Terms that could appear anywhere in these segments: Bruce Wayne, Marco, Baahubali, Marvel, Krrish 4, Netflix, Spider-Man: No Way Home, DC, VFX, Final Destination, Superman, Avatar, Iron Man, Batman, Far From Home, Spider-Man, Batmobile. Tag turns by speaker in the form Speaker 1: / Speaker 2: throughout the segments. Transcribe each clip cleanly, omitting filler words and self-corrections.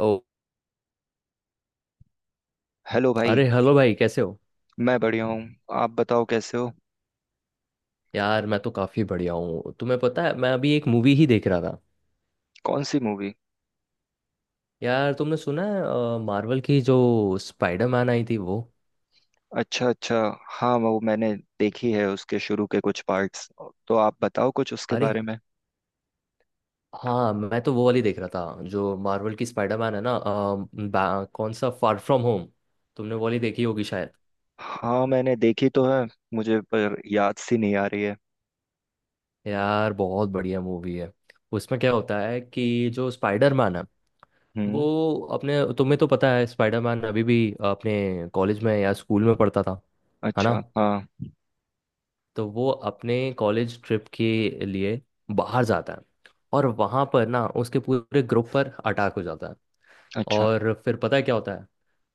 Speaker 1: ओ।
Speaker 2: Hello भाई।
Speaker 1: अरे hello भाई, कैसे हो?
Speaker 2: मैं बढ़िया हूँ। आप बताओ कैसे हो।
Speaker 1: यार, मैं तो काफ़ी बढ़िया हूँ। तुम्हें पता है, मैं अभी एक मूवी ही देख रहा था।
Speaker 2: कौन सी मूवी।
Speaker 1: यार, तुमने सुना है मार्वल की जो स्पाइडरमैन आई थी वो?
Speaker 2: अच्छा अच्छा। हाँ वो मैंने देखी है उसके शुरू के कुछ पार्ट्स। तो आप बताओ कुछ उसके
Speaker 1: अरे
Speaker 2: बारे में।
Speaker 1: हाँ, मैं तो वो वाली देख रहा था जो मार्वल की स्पाइडरमैन है ना। कौन सा फार फ्रॉम होम? तुमने वो वाली देखी होगी शायद।
Speaker 2: हाँ मैंने देखी तो है। मुझे पर याद सी नहीं आ रही है।
Speaker 1: यार, बहुत बढ़िया मूवी है। उसमें क्या होता है कि जो स्पाइडरमैन है वो
Speaker 2: हम्म।
Speaker 1: अपने तुम्हें तो पता है स्पाइडरमैन अभी भी अपने कॉलेज में या स्कूल में पढ़ता था, है ना?
Speaker 2: अच्छा हाँ।
Speaker 1: तो वो अपने कॉलेज ट्रिप के लिए बाहर जाता है और वहाँ पर ना उसके पूरे ग्रुप पर अटैक हो जाता है।
Speaker 2: अच्छा
Speaker 1: और फिर पता है क्या होता है?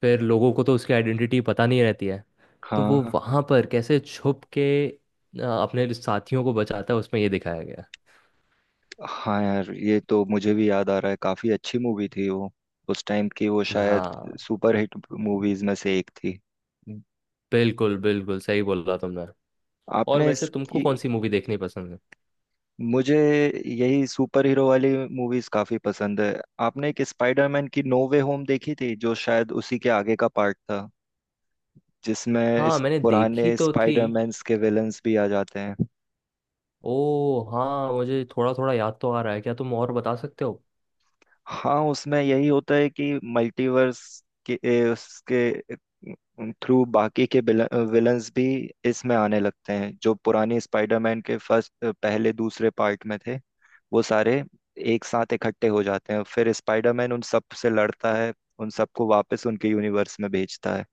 Speaker 1: फिर लोगों को तो उसकी आइडेंटिटी पता नहीं रहती है। तो वो
Speaker 2: हाँ
Speaker 1: वहाँ पर कैसे छुप के अपने साथियों को बचाता है, उसमें ये दिखाया गया
Speaker 2: हाँ। यार ये तो मुझे भी याद आ रहा है, काफी अच्छी मूवी थी वो। उस टाइम की वो
Speaker 1: है।
Speaker 2: शायद
Speaker 1: हाँ।
Speaker 2: सुपर हिट मूवीज में से एक थी।
Speaker 1: बिल्कुल बिल्कुल सही बोला तुमने। और
Speaker 2: आपने
Speaker 1: वैसे तुमको
Speaker 2: इसकी।
Speaker 1: कौन सी मूवी देखनी पसंद है?
Speaker 2: मुझे यही सुपर हीरो वाली मूवीज काफी पसंद है। आपने एक स्पाइडरमैन की नो वे होम देखी थी, जो शायद उसी के आगे का पार्ट था, जिसमें
Speaker 1: हाँ,
Speaker 2: इस
Speaker 1: मैंने
Speaker 2: पुराने
Speaker 1: देखी तो थी।
Speaker 2: स्पाइडरमैन्स के विलन्स भी आ जाते हैं।
Speaker 1: ओ हाँ, मुझे थोड़ा थोड़ा याद तो आ रहा है, क्या तुम और बता सकते हो?
Speaker 2: हाँ उसमें यही होता है कि मल्टीवर्स के उसके थ्रू बाकी के विलन्स भी इसमें आने लगते हैं, जो पुराने स्पाइडरमैन के फर्स्ट पहले दूसरे पार्ट में थे। वो सारे एक साथ इकट्ठे हो जाते हैं, फिर स्पाइडरमैन उन सब से लड़ता है। उन सबको वापस उनके यूनिवर्स में भेजता है।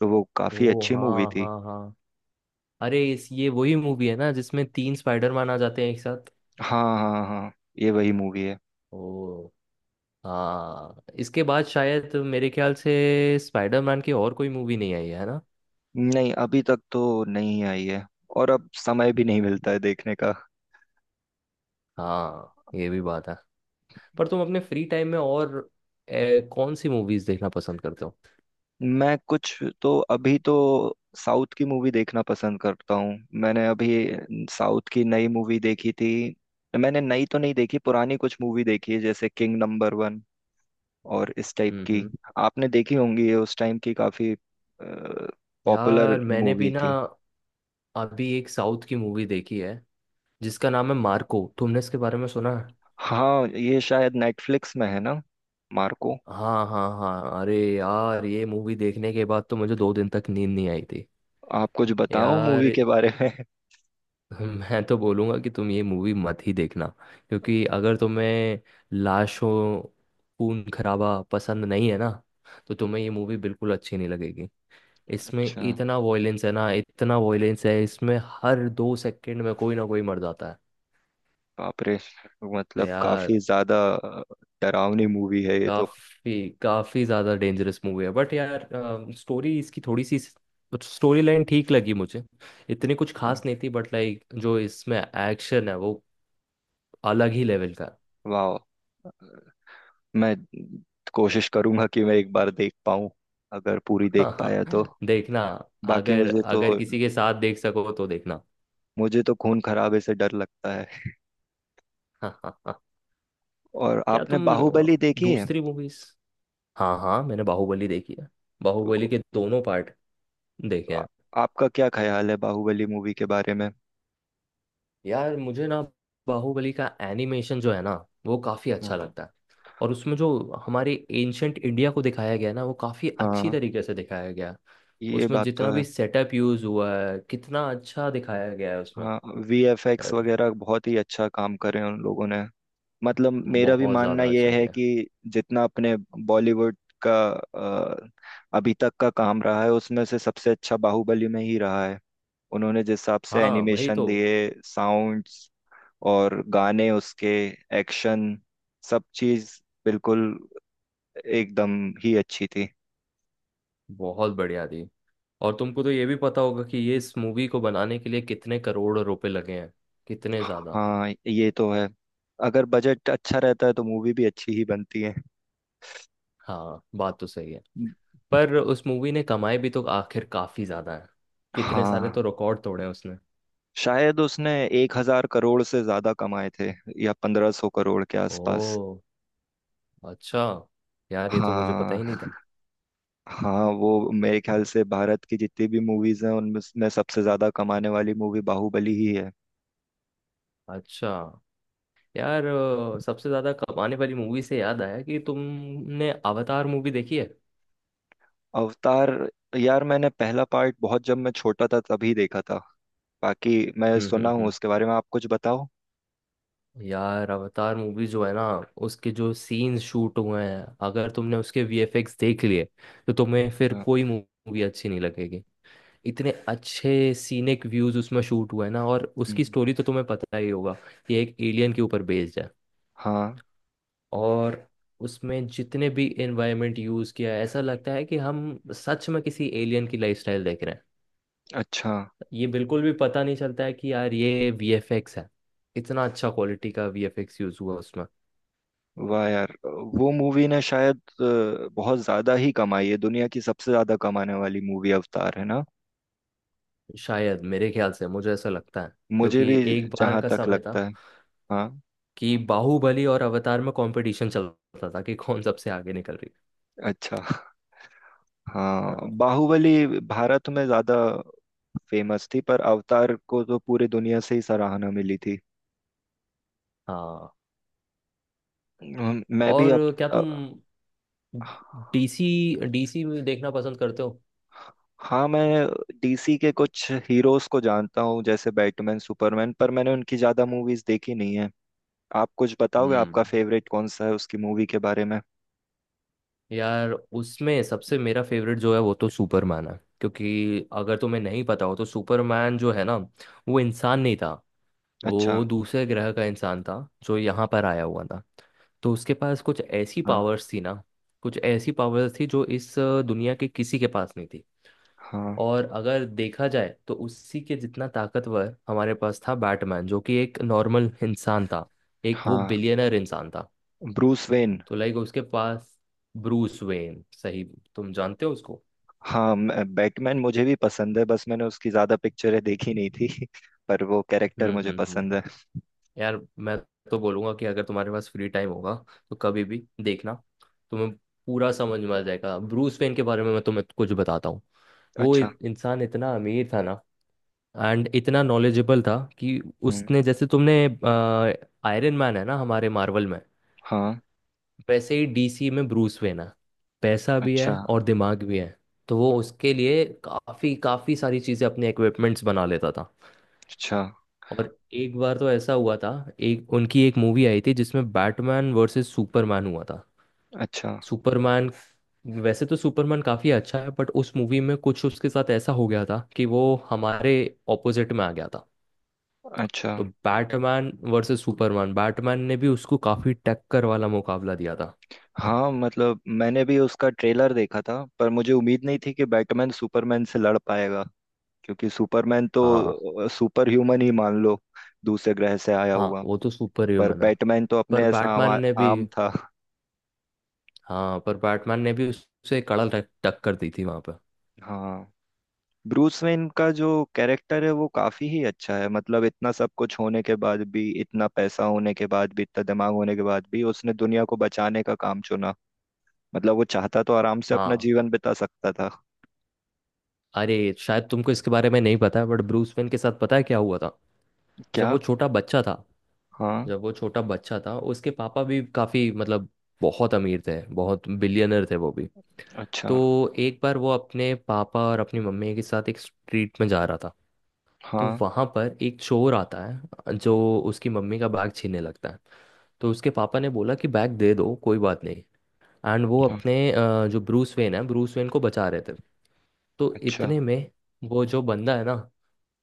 Speaker 2: तो वो काफी
Speaker 1: ओ
Speaker 2: अच्छी मूवी
Speaker 1: हाँ
Speaker 2: थी।
Speaker 1: हाँ हाँ। अरे इस ये वही मूवी है ना जिसमें तीन स्पाइडरमैन आ जाते हैं एक साथ?
Speaker 2: हाँ हाँ हाँ, ये वही मूवी है।
Speaker 1: ओ हाँ। इसके बाद शायद मेरे ख्याल से स्पाइडरमैन की और कोई मूवी नहीं आई है ना?
Speaker 2: नहीं अभी तक तो नहीं आई है। और अब समय भी नहीं मिलता है देखने का।
Speaker 1: हाँ, ये भी बात है। पर तुम अपने फ्री टाइम में और कौन सी मूवीज देखना पसंद करते हो?
Speaker 2: मैं कुछ तो अभी तो साउथ की मूवी देखना पसंद करता हूँ। मैंने अभी साउथ की नई मूवी देखी थी। मैंने नई तो नहीं देखी, पुरानी कुछ मूवी देखी है, जैसे किंग नंबर 1 और इस टाइप
Speaker 1: हम्म।
Speaker 2: की।
Speaker 1: हम्म।
Speaker 2: आपने देखी होंगी, ये उस टाइम की काफी पॉपुलर
Speaker 1: यार, मैंने
Speaker 2: मूवी
Speaker 1: भी ना
Speaker 2: थी।
Speaker 1: अभी एक साउथ की मूवी देखी है जिसका नाम है मार्को। तुमने इसके बारे में सुना है?
Speaker 2: हाँ ये शायद नेटफ्लिक्स में है ना। मार्को।
Speaker 1: हाँ हाँ हाँ। अरे यार, ये मूवी देखने के बाद तो मुझे 2 दिन तक नींद नहीं आई थी।
Speaker 2: आप कुछ बताओ
Speaker 1: यार,
Speaker 2: मूवी के बारे में।
Speaker 1: मैं तो बोलूँगा कि तुम ये मूवी मत ही देखना, क्योंकि अगर तुम्हें लाशों, खून खराबा पसंद नहीं है ना, तो तुम्हें ये मूवी बिल्कुल अच्छी नहीं लगेगी। इसमें
Speaker 2: अच्छा।
Speaker 1: इतना वॉयलेंस है ना, इतना वॉयलेंस है इसमें, हर 2 सेकंड में कोई ना कोई मर जाता
Speaker 2: बाप रे।
Speaker 1: है।
Speaker 2: मतलब
Speaker 1: यार,
Speaker 2: काफी ज्यादा डरावनी मूवी है ये तो।
Speaker 1: काफी काफी ज्यादा डेंजरस मूवी है, बट यार स्टोरी इसकी, थोड़ी सी स्टोरी लाइन ठीक लगी मुझे, इतनी कुछ खास नहीं थी, बट लाइक जो इसमें एक्शन है वो अलग ही लेवल का है।
Speaker 2: वाह। मैं कोशिश करूंगा कि मैं एक बार देख पाऊं, अगर पूरी देख
Speaker 1: हाँ,
Speaker 2: पाया तो।
Speaker 1: देखना।
Speaker 2: बाकी
Speaker 1: अगर
Speaker 2: मुझे तो।
Speaker 1: अगर किसी के साथ देख सको तो देखना।
Speaker 2: मुझे तो खून खराबे से डर लगता है।
Speaker 1: क्या
Speaker 2: और आपने
Speaker 1: तुम
Speaker 2: बाहुबली देखी है।
Speaker 1: दूसरी मूवीज? हाँ हाँ, मैंने बाहुबली देखी है।
Speaker 2: तो
Speaker 1: बाहुबली के दोनों पार्ट देखे
Speaker 2: आ-
Speaker 1: हैं।
Speaker 2: आपका क्या ख्याल है बाहुबली मूवी के बारे में।
Speaker 1: यार, मुझे ना बाहुबली का एनिमेशन जो है ना, वो काफ़ी
Speaker 2: हाँ
Speaker 1: अच्छा लगता है। और उसमें जो हमारे एंशंट इंडिया को दिखाया गया है ना, वो काफ़ी अच्छी
Speaker 2: हाँ।
Speaker 1: तरीके से दिखाया गया है।
Speaker 2: ये
Speaker 1: उसमें
Speaker 2: बात
Speaker 1: जितना
Speaker 2: तो है।
Speaker 1: भी सेटअप यूज़ हुआ है, कितना अच्छा दिखाया गया है उसमें।
Speaker 2: हाँ, वीएफएक्स
Speaker 1: यार,
Speaker 2: वगैरह बहुत ही अच्छा काम करे हैं उन लोगों ने। मतलब मेरा भी
Speaker 1: बहुत
Speaker 2: मानना
Speaker 1: ज़्यादा
Speaker 2: यह
Speaker 1: अच्छा
Speaker 2: है
Speaker 1: किया।
Speaker 2: कि जितना अपने बॉलीवुड का अभी तक का काम रहा है उसमें से सबसे अच्छा बाहुबली में ही रहा है। उन्होंने जिस हिसाब से
Speaker 1: हाँ, वही
Speaker 2: एनिमेशन
Speaker 1: तो।
Speaker 2: दिए, साउंड्स और गाने उसके, एक्शन, सब चीज बिल्कुल एकदम ही अच्छी थी।
Speaker 1: बहुत बढ़िया थी। और तुमको तो ये भी पता होगा कि ये इस मूवी को बनाने के लिए कितने करोड़ रुपए लगे हैं, कितने ज़्यादा।
Speaker 2: हाँ ये तो है। अगर बजट अच्छा रहता है तो मूवी भी अच्छी ही बनती है।
Speaker 1: हाँ, बात तो सही है। पर उस मूवी ने कमाए भी तो आखिर काफी ज्यादा है। कितने सारे
Speaker 2: हाँ,
Speaker 1: तो रिकॉर्ड तोड़े हैं उसने।
Speaker 2: शायद उसने 1,000 करोड़ से ज्यादा कमाए थे, या 1,500 करोड़ के आसपास।
Speaker 1: ओ, अच्छा। यार, ये तो मुझे पता
Speaker 2: हाँ
Speaker 1: ही नहीं था।
Speaker 2: हाँ, वो मेरे ख्याल से भारत की जितनी भी मूवीज हैं उनमें में सबसे ज्यादा कमाने वाली मूवी बाहुबली ही है।
Speaker 1: अच्छा। यार, सबसे ज्यादा कमाने वाली मूवी से याद आया कि तुमने अवतार मूवी देखी है?
Speaker 2: अवतार। यार मैंने पहला पार्ट बहुत जब मैं छोटा था तभी देखा था। बाकी मैं
Speaker 1: हम्म।
Speaker 2: सुना
Speaker 1: हम्म।
Speaker 2: हूँ
Speaker 1: हम्म।
Speaker 2: उसके बारे में, आप कुछ बताओ।
Speaker 1: यार, अवतार मूवी जो है ना, उसके जो सीन्स शूट हुए हैं, अगर तुमने उसके वीएफएक्स देख लिए, तो तुम्हें फिर
Speaker 2: अच्छा।
Speaker 1: कोई मूवी अच्छी नहीं लगेगी। इतने अच्छे सीनिक व्यूज उसमें शूट हुए हैं ना, और उसकी
Speaker 2: हम्म,
Speaker 1: स्टोरी तो तुम्हें पता ही होगा कि एक एलियन के ऊपर बेस्ड है।
Speaker 2: हाँ।
Speaker 1: और उसमें जितने भी एनवायरनमेंट यूज किया है, ऐसा लगता है कि हम सच में किसी एलियन की लाइफस्टाइल देख रहे हैं।
Speaker 2: अच्छा।
Speaker 1: ये बिल्कुल भी पता नहीं चलता है कि यार ये वीएफएक्स है। इतना अच्छा क्वालिटी का वीएफएक्स यूज हुआ उसमें।
Speaker 2: वाह यार, वो मूवी ने शायद बहुत ज्यादा ही कमाई है, दुनिया की सबसे ज्यादा कमाने वाली मूवी अवतार है ना।
Speaker 1: शायद मेरे ख्याल से मुझे ऐसा लगता है।
Speaker 2: मुझे
Speaker 1: क्योंकि
Speaker 2: भी
Speaker 1: एक बार
Speaker 2: जहां
Speaker 1: का
Speaker 2: तक
Speaker 1: समय
Speaker 2: लगता
Speaker 1: था
Speaker 2: है। हाँ।
Speaker 1: कि बाहुबली और अवतार में कंपटीशन चलता था कि कौन सबसे आगे निकल रही
Speaker 2: अच्छा। हाँ
Speaker 1: है। हाँ।
Speaker 2: बाहुबली भारत में ज्यादा फेमस थी, पर अवतार को तो पूरी दुनिया से ही सराहना मिली थी।
Speaker 1: हाँ।
Speaker 2: मैं भी
Speaker 1: और
Speaker 2: अब
Speaker 1: क्या
Speaker 2: अ,
Speaker 1: तुम डीसी डीसी में देखना पसंद करते हो?
Speaker 2: हाँ, मैं डीसी के कुछ हीरोज को जानता हूँ जैसे बैटमैन सुपरमैन, पर मैंने उनकी ज्यादा मूवीज देखी नहीं है। आप कुछ बताओगे आपका
Speaker 1: हम्म।
Speaker 2: फेवरेट कौन सा है उसकी मूवी के बारे में।
Speaker 1: यार, उसमें सबसे मेरा फेवरेट जो है वो तो सुपरमैन है। क्योंकि अगर तुम्हें नहीं पता हो तो सुपरमैन जो है ना, वो इंसान नहीं था।
Speaker 2: अच्छा।
Speaker 1: वो दूसरे ग्रह का इंसान था जो यहाँ पर आया हुआ था। तो उसके पास कुछ ऐसी
Speaker 2: हाँ
Speaker 1: पावर्स थी ना, कुछ ऐसी पावर्स थी जो इस दुनिया के किसी के पास नहीं थी।
Speaker 2: हाँ
Speaker 1: और अगर देखा जाए तो उसी के जितना ताकतवर हमारे पास था बैटमैन, जो कि एक नॉर्मल इंसान था। एक वो
Speaker 2: हाँ।
Speaker 1: बिलियनर इंसान था।
Speaker 2: Bruce Wayne.
Speaker 1: तो लाइक उसके पास ब्रूस वेन सही। तुम जानते हो उसको?
Speaker 2: हाँ, बैटमैन मुझे भी पसंद है, बस मैंने उसकी ज्यादा पिक्चरें देखी नहीं थी। पर वो कैरेक्टर
Speaker 1: हम्म।
Speaker 2: मुझे
Speaker 1: हम्म। हम्म।
Speaker 2: पसंद है।
Speaker 1: यार, मैं तो बोलूंगा कि अगर तुम्हारे पास फ्री टाइम होगा तो कभी भी देखना। तुम्हें पूरा समझ में आ जाएगा। ब्रूस वेन के बारे में मैं तुम्हें कुछ बताता हूँ। वो
Speaker 2: अच्छा।
Speaker 1: इंसान इतना अमीर था ना, एंड इतना नॉलेजेबल था कि
Speaker 2: हम्म।
Speaker 1: उसने जैसे तुमने आयरन मैन है ना हमारे मार्वल में,
Speaker 2: हाँ।
Speaker 1: वैसे ही डीसी में ब्रूस वेन है। पैसा भी है
Speaker 2: अच्छा।
Speaker 1: और दिमाग भी है। तो वो उसके लिए काफ़ी काफ़ी सारी चीज़ें अपने इक्विपमेंट्स बना लेता था।
Speaker 2: अच्छा।
Speaker 1: और एक बार तो ऐसा हुआ था, एक उनकी एक मूवी आई थी जिसमें बैटमैन वर्सेस सुपरमैन हुआ था।
Speaker 2: अच्छा।
Speaker 1: सुपरमैन, वैसे तो सुपरमैन काफ़ी अच्छा है, बट उस मूवी में कुछ उसके साथ ऐसा हो गया था कि वो हमारे ऑपोजिट में आ गया था।
Speaker 2: अच्छा।
Speaker 1: तो बैटमैन वर्सेस सुपरमैन, बैटमैन ने भी उसको काफी टक्कर वाला मुकाबला दिया था।
Speaker 2: हाँ मतलब मैंने भी उसका ट्रेलर देखा था, पर मुझे उम्मीद नहीं थी कि बैटमैन सुपरमैन से लड़ पाएगा। क्योंकि सुपरमैन
Speaker 1: हाँ।
Speaker 2: तो सुपर ह्यूमन ही मान लो, दूसरे ग्रह से आया
Speaker 1: हाँ,
Speaker 2: हुआ।
Speaker 1: वो तो सुपर
Speaker 2: पर
Speaker 1: ह्यूमन है।
Speaker 2: बैटमैन तो अपने
Speaker 1: पर
Speaker 2: ऐसा
Speaker 1: बैटमैन ने भी
Speaker 2: आम था।
Speaker 1: हाँ, पर बैटमैन ने भी उससे कड़ा टक्कर दी थी वहां पर।
Speaker 2: हाँ। ब्रूस वेन का जो कैरेक्टर है वो काफी ही अच्छा है, मतलब इतना सब कुछ होने के बाद भी, इतना पैसा होने के बाद भी, इतना दिमाग होने के बाद भी उसने दुनिया को बचाने का काम चुना। मतलब वो चाहता तो आराम से अपना
Speaker 1: हाँ।
Speaker 2: जीवन बिता सकता था।
Speaker 1: अरे शायद तुमको इसके बारे में नहीं पता है, बट ब्रूस वेन के साथ पता है क्या हुआ था? जब
Speaker 2: क्या।
Speaker 1: वो छोटा बच्चा था
Speaker 2: हाँ।
Speaker 1: जब वो छोटा बच्चा था उसके पापा भी काफी, मतलब बहुत अमीर थे, बहुत बिलियनर थे वो भी।
Speaker 2: अच्छा।
Speaker 1: तो एक बार वो अपने पापा और अपनी मम्मी के साथ एक स्ट्रीट में जा रहा था। तो
Speaker 2: हाँ
Speaker 1: वहां पर एक चोर आता है जो उसकी मम्मी का बैग छीनने लगता है। तो उसके पापा ने बोला कि बैग दे दो, कोई बात नहीं। एंड वो
Speaker 2: हाँ।
Speaker 1: अपने जो ब्रूस वेन है, ब्रूस वेन को बचा रहे थे। तो
Speaker 2: अच्छा।
Speaker 1: इतने में वो जो बंदा है ना,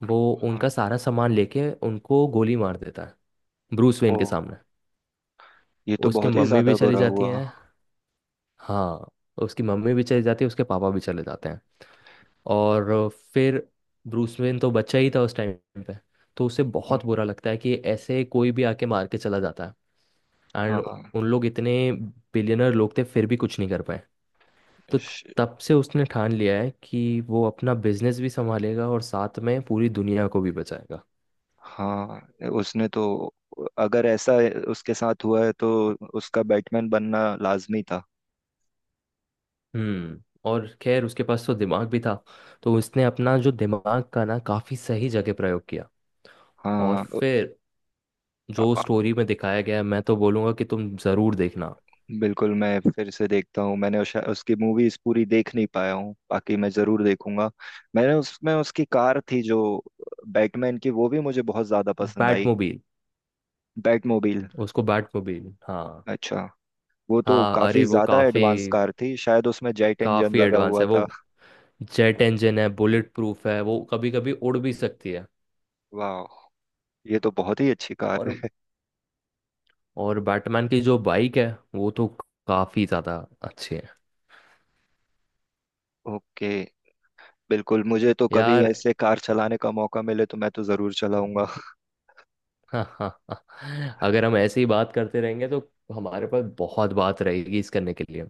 Speaker 1: वो
Speaker 2: हाँ।
Speaker 1: उनका सारा सामान लेके उनको गोली मार देता है, ब्रूस वेन
Speaker 2: ओ,
Speaker 1: के सामने।
Speaker 2: ये तो
Speaker 1: उसके
Speaker 2: बहुत ही
Speaker 1: मम्मी
Speaker 2: ज्यादा
Speaker 1: भी चली
Speaker 2: बुरा
Speaker 1: जाती
Speaker 2: हुआ।
Speaker 1: है। हाँ। उसकी मम्मी भी चली जाती है, उसके पापा भी चले जाते हैं। और फिर ब्रूस वेन तो बच्चा ही था उस टाइम पे। तो उसे
Speaker 2: हम्म,
Speaker 1: बहुत बुरा लगता है कि ऐसे कोई भी आके मार के चला जाता है। एंड
Speaker 2: हाँ।
Speaker 1: उन लोग इतने बिलियनर लोग थे, फिर भी कुछ नहीं कर पाए। तो तब से उसने ठान लिया है कि वो अपना बिजनेस भी संभालेगा और साथ में पूरी दुनिया को भी बचाएगा।
Speaker 2: हाँ उसने तो, अगर ऐसा उसके साथ हुआ है तो उसका बैटमैन बनना लाजमी था।
Speaker 1: हम्म। और खैर उसके पास तो दिमाग भी था। तो उसने अपना जो दिमाग का ना काफ़ी सही जगह प्रयोग किया। और
Speaker 2: हाँ।
Speaker 1: फिर
Speaker 2: अ-
Speaker 1: जो
Speaker 2: अ-
Speaker 1: स्टोरी में दिखाया गया है, मैं तो बोलूँगा कि तुम ज़रूर देखना।
Speaker 2: बिल्कुल, मैं फिर से देखता हूँ, मैंने उसकी मूवीज पूरी देख नहीं पाया हूँ, बाकी मैं जरूर देखूंगा। मैंने उसमें उसकी कार थी जो बैटमैन की, वो भी मुझे बहुत ज्यादा पसंद आई।
Speaker 1: बैटमोबील।
Speaker 2: बैटमोबिल।
Speaker 1: उसको बैट को भी। हाँ।
Speaker 2: अच्छा। वो तो
Speaker 1: हाँ, अरे
Speaker 2: काफी
Speaker 1: वो
Speaker 2: ज्यादा
Speaker 1: काफी
Speaker 2: एडवांस कार थी, शायद उसमें जेट इंजन
Speaker 1: काफी
Speaker 2: लगा
Speaker 1: एडवांस
Speaker 2: हुआ
Speaker 1: है वो।
Speaker 2: था।
Speaker 1: जेट इंजन है, बुलेट प्रूफ है, वो कभी कभी उड़ भी सकती है।
Speaker 2: वाह। ये तो बहुत ही अच्छी कार
Speaker 1: और
Speaker 2: है।
Speaker 1: बैटमैन की जो बाइक है वो तो काफी ज्यादा अच्छी है।
Speaker 2: ओके। बिल्कुल, मुझे तो कभी
Speaker 1: यार,
Speaker 2: ऐसे कार चलाने का मौका मिले तो मैं तो जरूर चलाऊंगा।
Speaker 1: हाँ हाँ हाँ, अगर हम ऐसे ही बात करते रहेंगे तो हमारे पास बहुत बात रहेगी इस करने के लिए।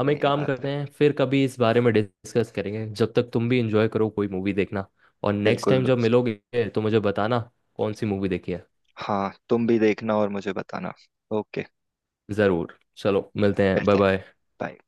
Speaker 1: हम एक काम
Speaker 2: बात है।
Speaker 1: करते हैं, फिर कभी इस बारे में डिस्कस करेंगे, जब तक तुम भी इंजॉय करो, कोई मूवी देखना। और नेक्स्ट
Speaker 2: बिल्कुल
Speaker 1: टाइम जब
Speaker 2: दोस्त।
Speaker 1: मिलोगे तो मुझे बताना कौन सी मूवी देखी है।
Speaker 2: हाँ तुम भी देखना और मुझे बताना। ओके।
Speaker 1: ज़रूर, चलो मिलते हैं। बाय
Speaker 2: मिलते हैं।
Speaker 1: बाय।
Speaker 2: बाय।